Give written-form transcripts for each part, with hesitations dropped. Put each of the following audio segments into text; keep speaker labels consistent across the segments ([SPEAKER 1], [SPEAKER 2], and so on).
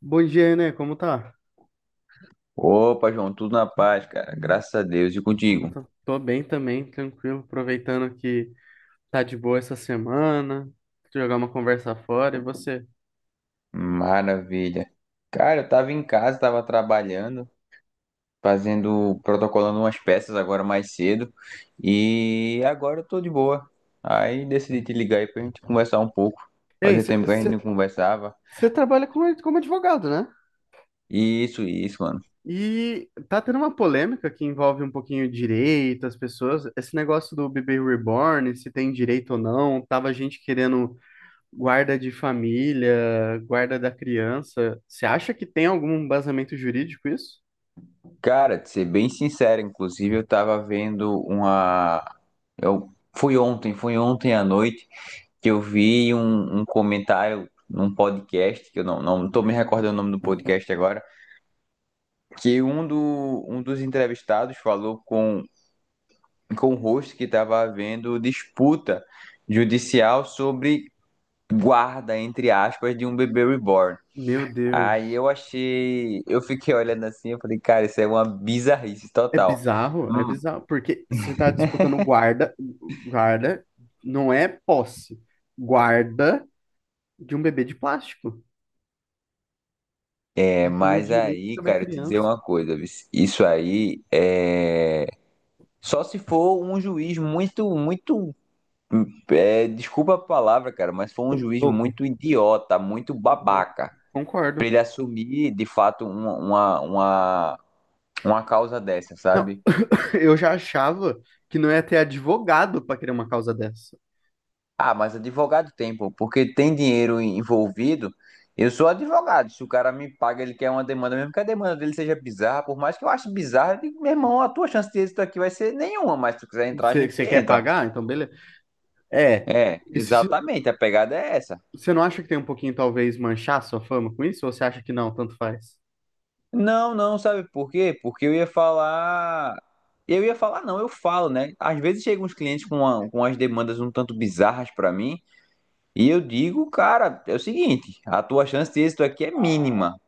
[SPEAKER 1] Bom dia, né? Como tá?
[SPEAKER 2] Opa, João, tudo na paz, cara. Graças a Deus. E
[SPEAKER 1] Eu
[SPEAKER 2] contigo?
[SPEAKER 1] tô, tô bem também, tranquilo, aproveitando que tá de boa essa semana, jogar uma conversa fora, e você?
[SPEAKER 2] Maravilha. Cara, eu tava em casa, tava trabalhando, fazendo, protocolando umas peças agora mais cedo. E agora eu tô de boa. Aí decidi te ligar aí pra gente conversar um pouco.
[SPEAKER 1] Ei,
[SPEAKER 2] Fazia tempo que a gente
[SPEAKER 1] você
[SPEAKER 2] não conversava.
[SPEAKER 1] trabalha como advogado, né?
[SPEAKER 2] Isso, mano.
[SPEAKER 1] E tá tendo uma polêmica que envolve um pouquinho direito, as pessoas, esse negócio do bebê reborn, se tem direito ou não, tava gente querendo guarda de família, guarda da criança. Você acha que tem algum embasamento jurídico isso?
[SPEAKER 2] Cara, de ser bem sincero, inclusive, eu tava vendo uma. Eu... fui ontem à noite. Que eu vi um comentário num podcast, que eu não tô me
[SPEAKER 1] Uhum.
[SPEAKER 2] recordando o nome do podcast agora, que um, do, um dos entrevistados falou com o host, que estava havendo disputa judicial sobre guarda, entre aspas, de um bebê reborn.
[SPEAKER 1] Meu
[SPEAKER 2] Aí
[SPEAKER 1] Deus.
[SPEAKER 2] eu achei, eu fiquei olhando assim, eu falei, cara, isso é uma bizarrice total.
[SPEAKER 1] É
[SPEAKER 2] Hum.
[SPEAKER 1] bizarro, porque você está disputando guarda, guarda não é posse, guarda de um bebê de plástico.
[SPEAKER 2] É,
[SPEAKER 1] Eu tenho
[SPEAKER 2] mas
[SPEAKER 1] direito
[SPEAKER 2] aí,
[SPEAKER 1] sobre a
[SPEAKER 2] cara, eu te dizer
[SPEAKER 1] criança.
[SPEAKER 2] uma coisa, viu? Isso aí é só se for um juiz muito, muito... É, desculpa a palavra, cara, mas foi um juiz
[SPEAKER 1] Louco.
[SPEAKER 2] muito idiota, muito
[SPEAKER 1] Louco.
[SPEAKER 2] babaca,
[SPEAKER 1] Concordo.
[SPEAKER 2] pra ele assumir de fato uma causa dessa,
[SPEAKER 1] Não,
[SPEAKER 2] sabe?
[SPEAKER 1] eu já achava que não ia ter advogado para criar uma causa dessa.
[SPEAKER 2] Ah, mas advogado tem, pô, porque tem dinheiro envolvido. Eu sou advogado. Se o cara me paga, ele quer uma demanda, mesmo que a demanda dele seja bizarra, por mais que eu ache bizarra, eu digo, meu irmão, a tua chance de êxito aqui vai ser nenhuma, mas se tu quiser entrar, a
[SPEAKER 1] Você
[SPEAKER 2] gente
[SPEAKER 1] você quer
[SPEAKER 2] entra.
[SPEAKER 1] pagar? Então, beleza. É.
[SPEAKER 2] É,
[SPEAKER 1] E se-
[SPEAKER 2] exatamente, a pegada é essa.
[SPEAKER 1] Você não acha que tem um pouquinho, talvez, manchar sua fama com isso? Ou você acha que não, tanto faz?
[SPEAKER 2] Não, não, sabe por quê? Porque eu ia falar. Eu ia falar, não, eu falo, né? Às vezes chegam uns clientes com, com as demandas um tanto bizarras pra mim, e eu digo, cara, é o seguinte, a tua chance de êxito aqui é mínima.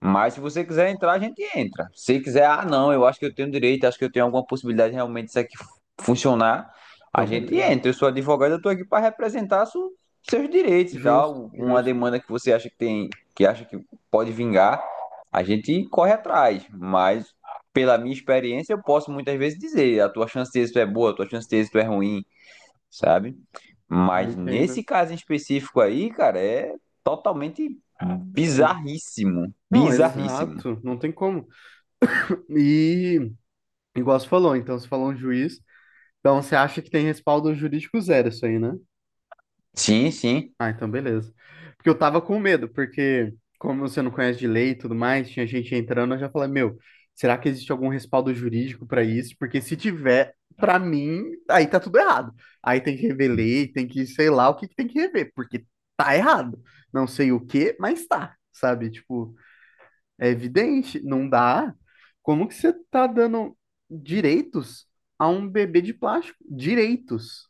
[SPEAKER 2] Mas se você quiser entrar, a gente entra. Se quiser, ah, não, eu acho que eu tenho direito, acho que eu tenho alguma possibilidade de realmente disso aqui funcionar, a
[SPEAKER 1] Então,
[SPEAKER 2] gente
[SPEAKER 1] beleza.
[SPEAKER 2] entra. Eu sou advogado, eu tô aqui para representar seus direitos e
[SPEAKER 1] Justo,
[SPEAKER 2] tal. Uma
[SPEAKER 1] justo.
[SPEAKER 2] demanda que você acha que tem, que acha que pode vingar, a gente corre atrás. Mas pela minha experiência, eu posso muitas vezes dizer, a tua chance de êxito é boa, a tua chance de êxito é ruim, sabe?
[SPEAKER 1] Eu
[SPEAKER 2] Mas nesse
[SPEAKER 1] entendo.
[SPEAKER 2] caso em específico aí, cara, é totalmente
[SPEAKER 1] É, en-
[SPEAKER 2] bizarríssimo,
[SPEAKER 1] Não,
[SPEAKER 2] bizarríssimo.
[SPEAKER 1] exato. Não tem como. E, igual você falou, então, você falou um juiz. Então, você acha que tem respaldo jurídico zero isso aí, né?
[SPEAKER 2] Sim, sim.
[SPEAKER 1] Ah, então beleza. Porque eu tava com medo, porque como você não conhece de lei e tudo mais, tinha gente entrando, eu já falei, meu, será que existe algum respaldo jurídico pra isso? Porque se tiver, pra mim, aí tá tudo errado. Aí tem que rever lei, tem que, sei lá, o que que tem que rever, porque tá errado. Não sei o que, mas tá, sabe? Tipo, é evidente, não dá. Como que você tá dando direitos a um bebê de plástico? Direitos.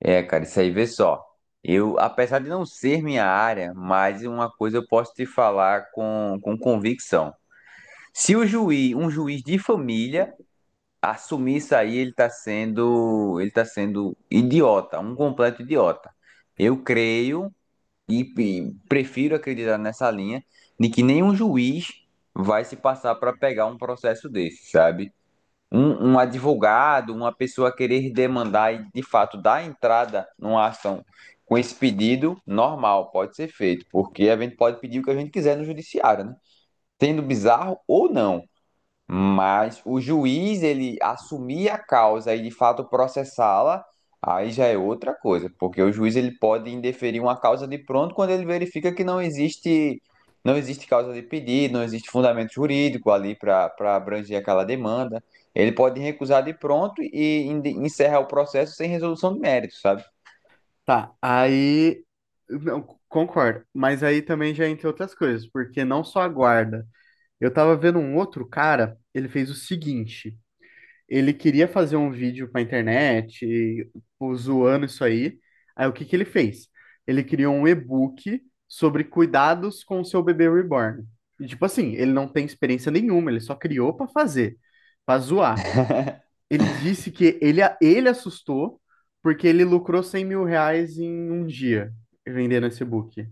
[SPEAKER 2] É, cara, isso aí vê só. Eu, apesar de não ser minha área, mas uma coisa eu posso te falar com convicção. Se o juiz, um juiz de família assumir isso aí, ele tá sendo idiota, um completo idiota. Eu creio, E, e prefiro acreditar nessa linha de que nenhum juiz vai se passar para pegar um processo desse, sabe? Um advogado, uma pessoa querer demandar e de fato dar entrada numa ação com esse pedido, normal, pode ser feito, porque a gente pode pedir o que a gente quiser no judiciário, né? Sendo bizarro ou não. Mas o juiz, ele assumir a causa e de fato processá-la, aí já é outra coisa, porque o juiz, ele pode indeferir uma causa de pronto quando ele verifica que não existe causa de pedido, não existe fundamento jurídico ali para abranger aquela demanda. Ele pode recusar de pronto e encerrar o processo sem resolução de mérito, sabe?
[SPEAKER 1] Tá, aí. Não, c- Concordo. Mas aí também já entre outras coisas, porque não só a guarda. Eu tava vendo um outro cara, ele fez o seguinte: ele queria fazer um vídeo pra internet, e, pô, zoando isso aí. Aí o que que ele fez? Ele criou um e-book sobre cuidados com o seu bebê reborn. E, tipo assim, ele não tem experiência nenhuma, ele só criou pra fazer, pra zoar. Ele disse que ele assustou porque ele lucrou R$ 100.000 em um dia vendendo esse book.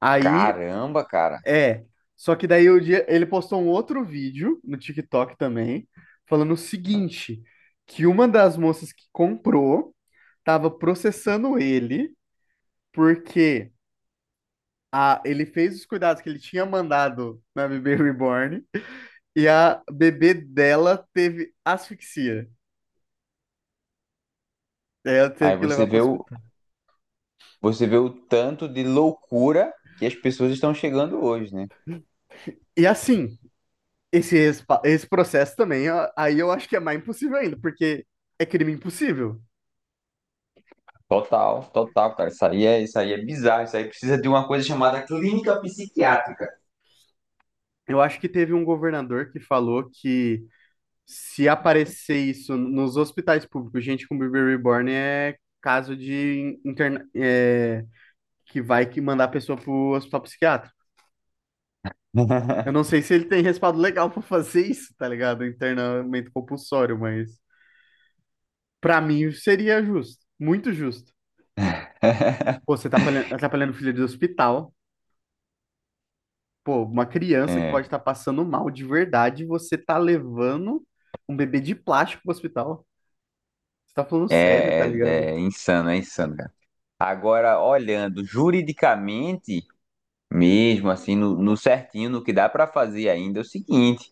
[SPEAKER 1] Aí,
[SPEAKER 2] Caramba, cara.
[SPEAKER 1] é. Só que daí o dia, ele postou um outro vídeo no TikTok também, falando o seguinte, que uma das moças que comprou estava processando ele porque ele fez os cuidados que ele tinha mandado na bebê reborn e a bebê dela teve asfixia. Ela
[SPEAKER 2] Aí
[SPEAKER 1] teve que levar para o hospital.
[SPEAKER 2] você vê o tanto de loucura que as pessoas estão chegando hoje, né?
[SPEAKER 1] E assim, esse processo também, ó, aí eu acho que é mais impossível ainda, porque é crime impossível.
[SPEAKER 2] Total, total, cara. Isso aí é bizarro. Isso aí precisa de uma coisa chamada clínica psiquiátrica.
[SPEAKER 1] Eu acho que teve um governador que falou que se aparecer isso nos hospitais públicos, gente com bebê reborn é caso de interna é, que vai que mandar a pessoa pro hospital psiquiátrico. Eu não sei se ele tem respaldo legal pra fazer isso, tá ligado? Internamento compulsório, mas pra mim seria justo, muito justo. Pô, você tá atrapalhando o filho do hospital. Pô, uma criança que
[SPEAKER 2] É,
[SPEAKER 1] pode estar passando mal de verdade, você tá levando um bebê de plástico pro hospital. Você tá falando sério, tá
[SPEAKER 2] é, é,
[SPEAKER 1] ligado?
[SPEAKER 2] é, insano, é insano, cara. Agora, olhando juridicamente, mesmo assim, no certinho, no que dá para fazer ainda é o seguinte: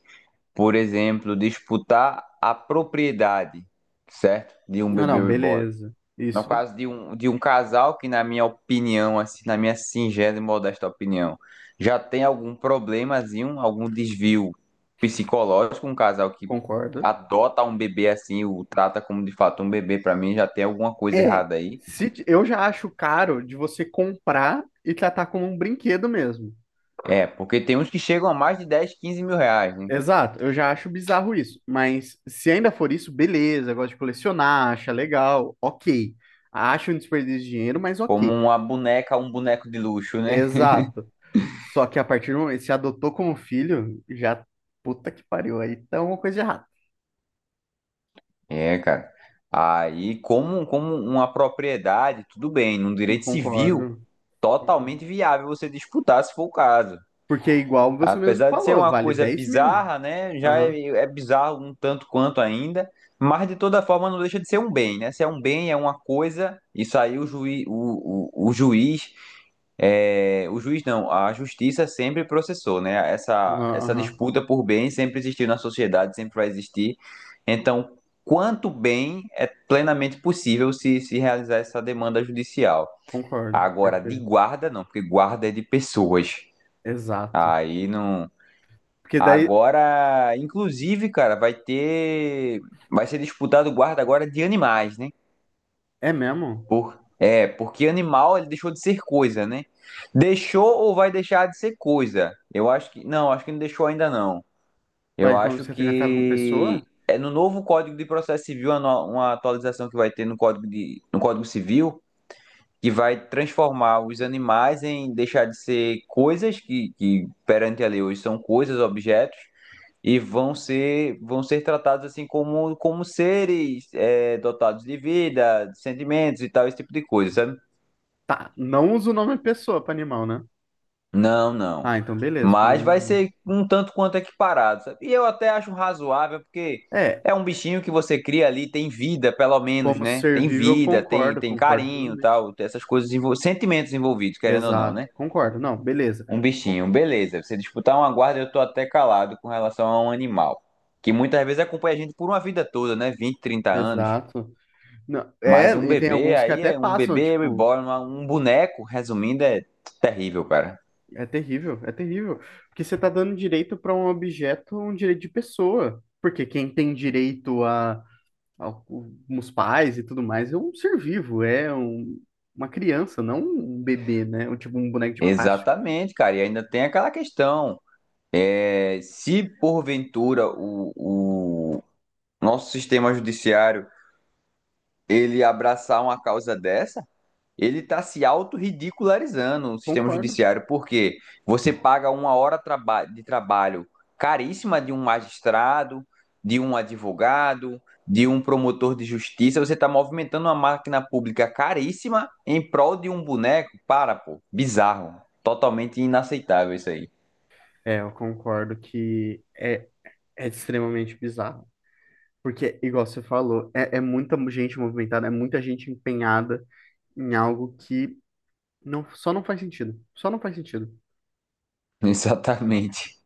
[SPEAKER 2] por exemplo, disputar a propriedade, certo? De um
[SPEAKER 1] Não,
[SPEAKER 2] bebê
[SPEAKER 1] não,
[SPEAKER 2] reborn.
[SPEAKER 1] beleza.
[SPEAKER 2] No
[SPEAKER 1] Isso,
[SPEAKER 2] caso de um casal que, na minha opinião, assim, na minha singela e modesta opinião, já tem algum problemazinho, algum desvio psicológico, um casal que
[SPEAKER 1] concordo.
[SPEAKER 2] adota um bebê assim, o trata como de fato um bebê, pra mim já tem alguma coisa
[SPEAKER 1] É,
[SPEAKER 2] errada aí.
[SPEAKER 1] se, eu já acho caro de você comprar e tratar como um brinquedo mesmo.
[SPEAKER 2] É, porque tem uns que chegam a mais de 10, 15 mil reais, né?
[SPEAKER 1] Exato, eu já acho bizarro isso. Mas se ainda for isso, beleza, gosto de colecionar, acha legal, ok. Acho um desperdício de dinheiro, mas
[SPEAKER 2] Como
[SPEAKER 1] ok.
[SPEAKER 2] uma boneca, um boneco de luxo, né?
[SPEAKER 1] Exato. Só que a partir do momento, que se adotou como filho, já puta que pariu. Aí tá uma coisa de errada.
[SPEAKER 2] É, cara. Aí, como, como uma propriedade, tudo bem, num direito civil,
[SPEAKER 1] Concordo, concordo.
[SPEAKER 2] totalmente viável você disputar se for o caso.
[SPEAKER 1] Porque igual você mesmo
[SPEAKER 2] Apesar de ser
[SPEAKER 1] falou,
[SPEAKER 2] uma
[SPEAKER 1] vale
[SPEAKER 2] coisa
[SPEAKER 1] 10 mil.
[SPEAKER 2] bizarra, né? Já
[SPEAKER 1] Aham.
[SPEAKER 2] é, é bizarro um tanto quanto ainda, mas de toda forma não deixa de ser um bem, né? Se é um bem, é uma coisa, isso aí o juiz, o juiz, é, o juiz não, a justiça sempre processou, né? Essa,
[SPEAKER 1] Aham.
[SPEAKER 2] essa
[SPEAKER 1] Aham.
[SPEAKER 2] disputa por bem sempre existiu na sociedade, sempre vai existir. Então, quanto bem é plenamente possível se realizar essa demanda judicial.
[SPEAKER 1] Concordo.
[SPEAKER 2] Agora, de
[SPEAKER 1] Perfeito.
[SPEAKER 2] guarda, não, porque guarda é de pessoas.
[SPEAKER 1] Exato.
[SPEAKER 2] Aí não.
[SPEAKER 1] Porque daí
[SPEAKER 2] Agora, inclusive, cara, vai ter. Vai ser disputado o guarda agora de animais, né?
[SPEAKER 1] é mesmo?
[SPEAKER 2] Por... É, porque animal ele deixou de ser coisa, né? Deixou ou vai deixar de ser coisa? Eu acho que... Não, acho que não deixou ainda não. Eu
[SPEAKER 1] Vai quando
[SPEAKER 2] acho
[SPEAKER 1] você é tratado como
[SPEAKER 2] que...
[SPEAKER 1] pessoa?
[SPEAKER 2] É no novo Código de Processo Civil, uma no- uma atualização que vai ter no Código, de... no Código Civil, que vai transformar os animais em deixar de ser coisas, que perante a lei hoje são coisas, objetos, e vão ser tratados assim como seres, é, dotados de vida, de sentimentos e tal, esse tipo de coisa, sabe?
[SPEAKER 1] Tá. Não usa o nome pessoa para animal, né?
[SPEAKER 2] Não, não.
[SPEAKER 1] Ah, então beleza. Pelo
[SPEAKER 2] Mas vai
[SPEAKER 1] menos isso.
[SPEAKER 2] ser um tanto quanto equiparado, sabe? E eu até acho razoável, porque
[SPEAKER 1] É,
[SPEAKER 2] é um bichinho que você cria ali, tem vida, pelo menos,
[SPEAKER 1] como
[SPEAKER 2] né?
[SPEAKER 1] ser
[SPEAKER 2] Tem
[SPEAKER 1] vivo, eu
[SPEAKER 2] vida, tem
[SPEAKER 1] concordo,
[SPEAKER 2] tem
[SPEAKER 1] concordo
[SPEAKER 2] carinho,
[SPEAKER 1] plenamente.
[SPEAKER 2] tal, tem essas coisas, sentimentos envolvidos, querendo ou não,
[SPEAKER 1] Exato.
[SPEAKER 2] né?
[SPEAKER 1] Concordo. Não, beleza.
[SPEAKER 2] Um
[SPEAKER 1] Co-
[SPEAKER 2] bichinho, beleza. Você disputar uma guarda, eu tô até calado com relação a um animal, que muitas vezes acompanha a gente por uma vida toda, né? 20, 30 anos.
[SPEAKER 1] Exato. Não, é,
[SPEAKER 2] Mas um
[SPEAKER 1] e tem
[SPEAKER 2] bebê
[SPEAKER 1] alguns que
[SPEAKER 2] aí,
[SPEAKER 1] até
[SPEAKER 2] é um
[SPEAKER 1] passam,
[SPEAKER 2] bebê
[SPEAKER 1] tipo,
[SPEAKER 2] reborn, um boneco, resumindo, é terrível, cara.
[SPEAKER 1] é terrível, é terrível. Porque você tá dando direito para um objeto, um direito de pessoa. Porque quem tem direito a os pais e tudo mais é um ser vivo, é uma criança, não um bebê, né? Ou tipo um boneco de plástico.
[SPEAKER 2] Exatamente, cara. E ainda tem aquela questão. É, se porventura o nosso sistema judiciário, ele abraçar uma causa dessa, ele está se autorridicularizando o sistema
[SPEAKER 1] Concordo.
[SPEAKER 2] judiciário, porque você paga uma hora de trabalho caríssima de um magistrado, de um advogado, de um promotor de justiça, você está movimentando uma máquina pública caríssima em prol de um boneco? Para, pô, bizarro, totalmente inaceitável isso aí.
[SPEAKER 1] É, eu concordo que é, É extremamente bizarro. Porque, igual você falou, é muita gente movimentada, é muita gente empenhada em algo que... Não, só não faz sentido. Só não faz sentido.
[SPEAKER 2] Exatamente.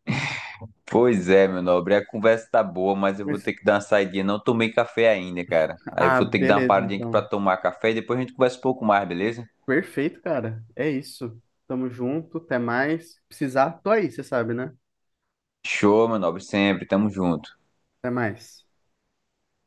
[SPEAKER 2] Pois é, meu nobre, a conversa tá boa, mas eu vou
[SPEAKER 1] Mas...
[SPEAKER 2] ter que dar uma saidinha. Não tomei café ainda, cara. Aí eu
[SPEAKER 1] Ah,
[SPEAKER 2] vou ter que dar uma
[SPEAKER 1] beleza,
[SPEAKER 2] paradinha aqui pra
[SPEAKER 1] então.
[SPEAKER 2] tomar café e depois a gente conversa um pouco mais, beleza?
[SPEAKER 1] Perfeito, cara. É isso. Tamo junto, até mais. Precisar, tô aí, você sabe, né?
[SPEAKER 2] Show, meu nobre, sempre. Tamo junto.
[SPEAKER 1] Até mais.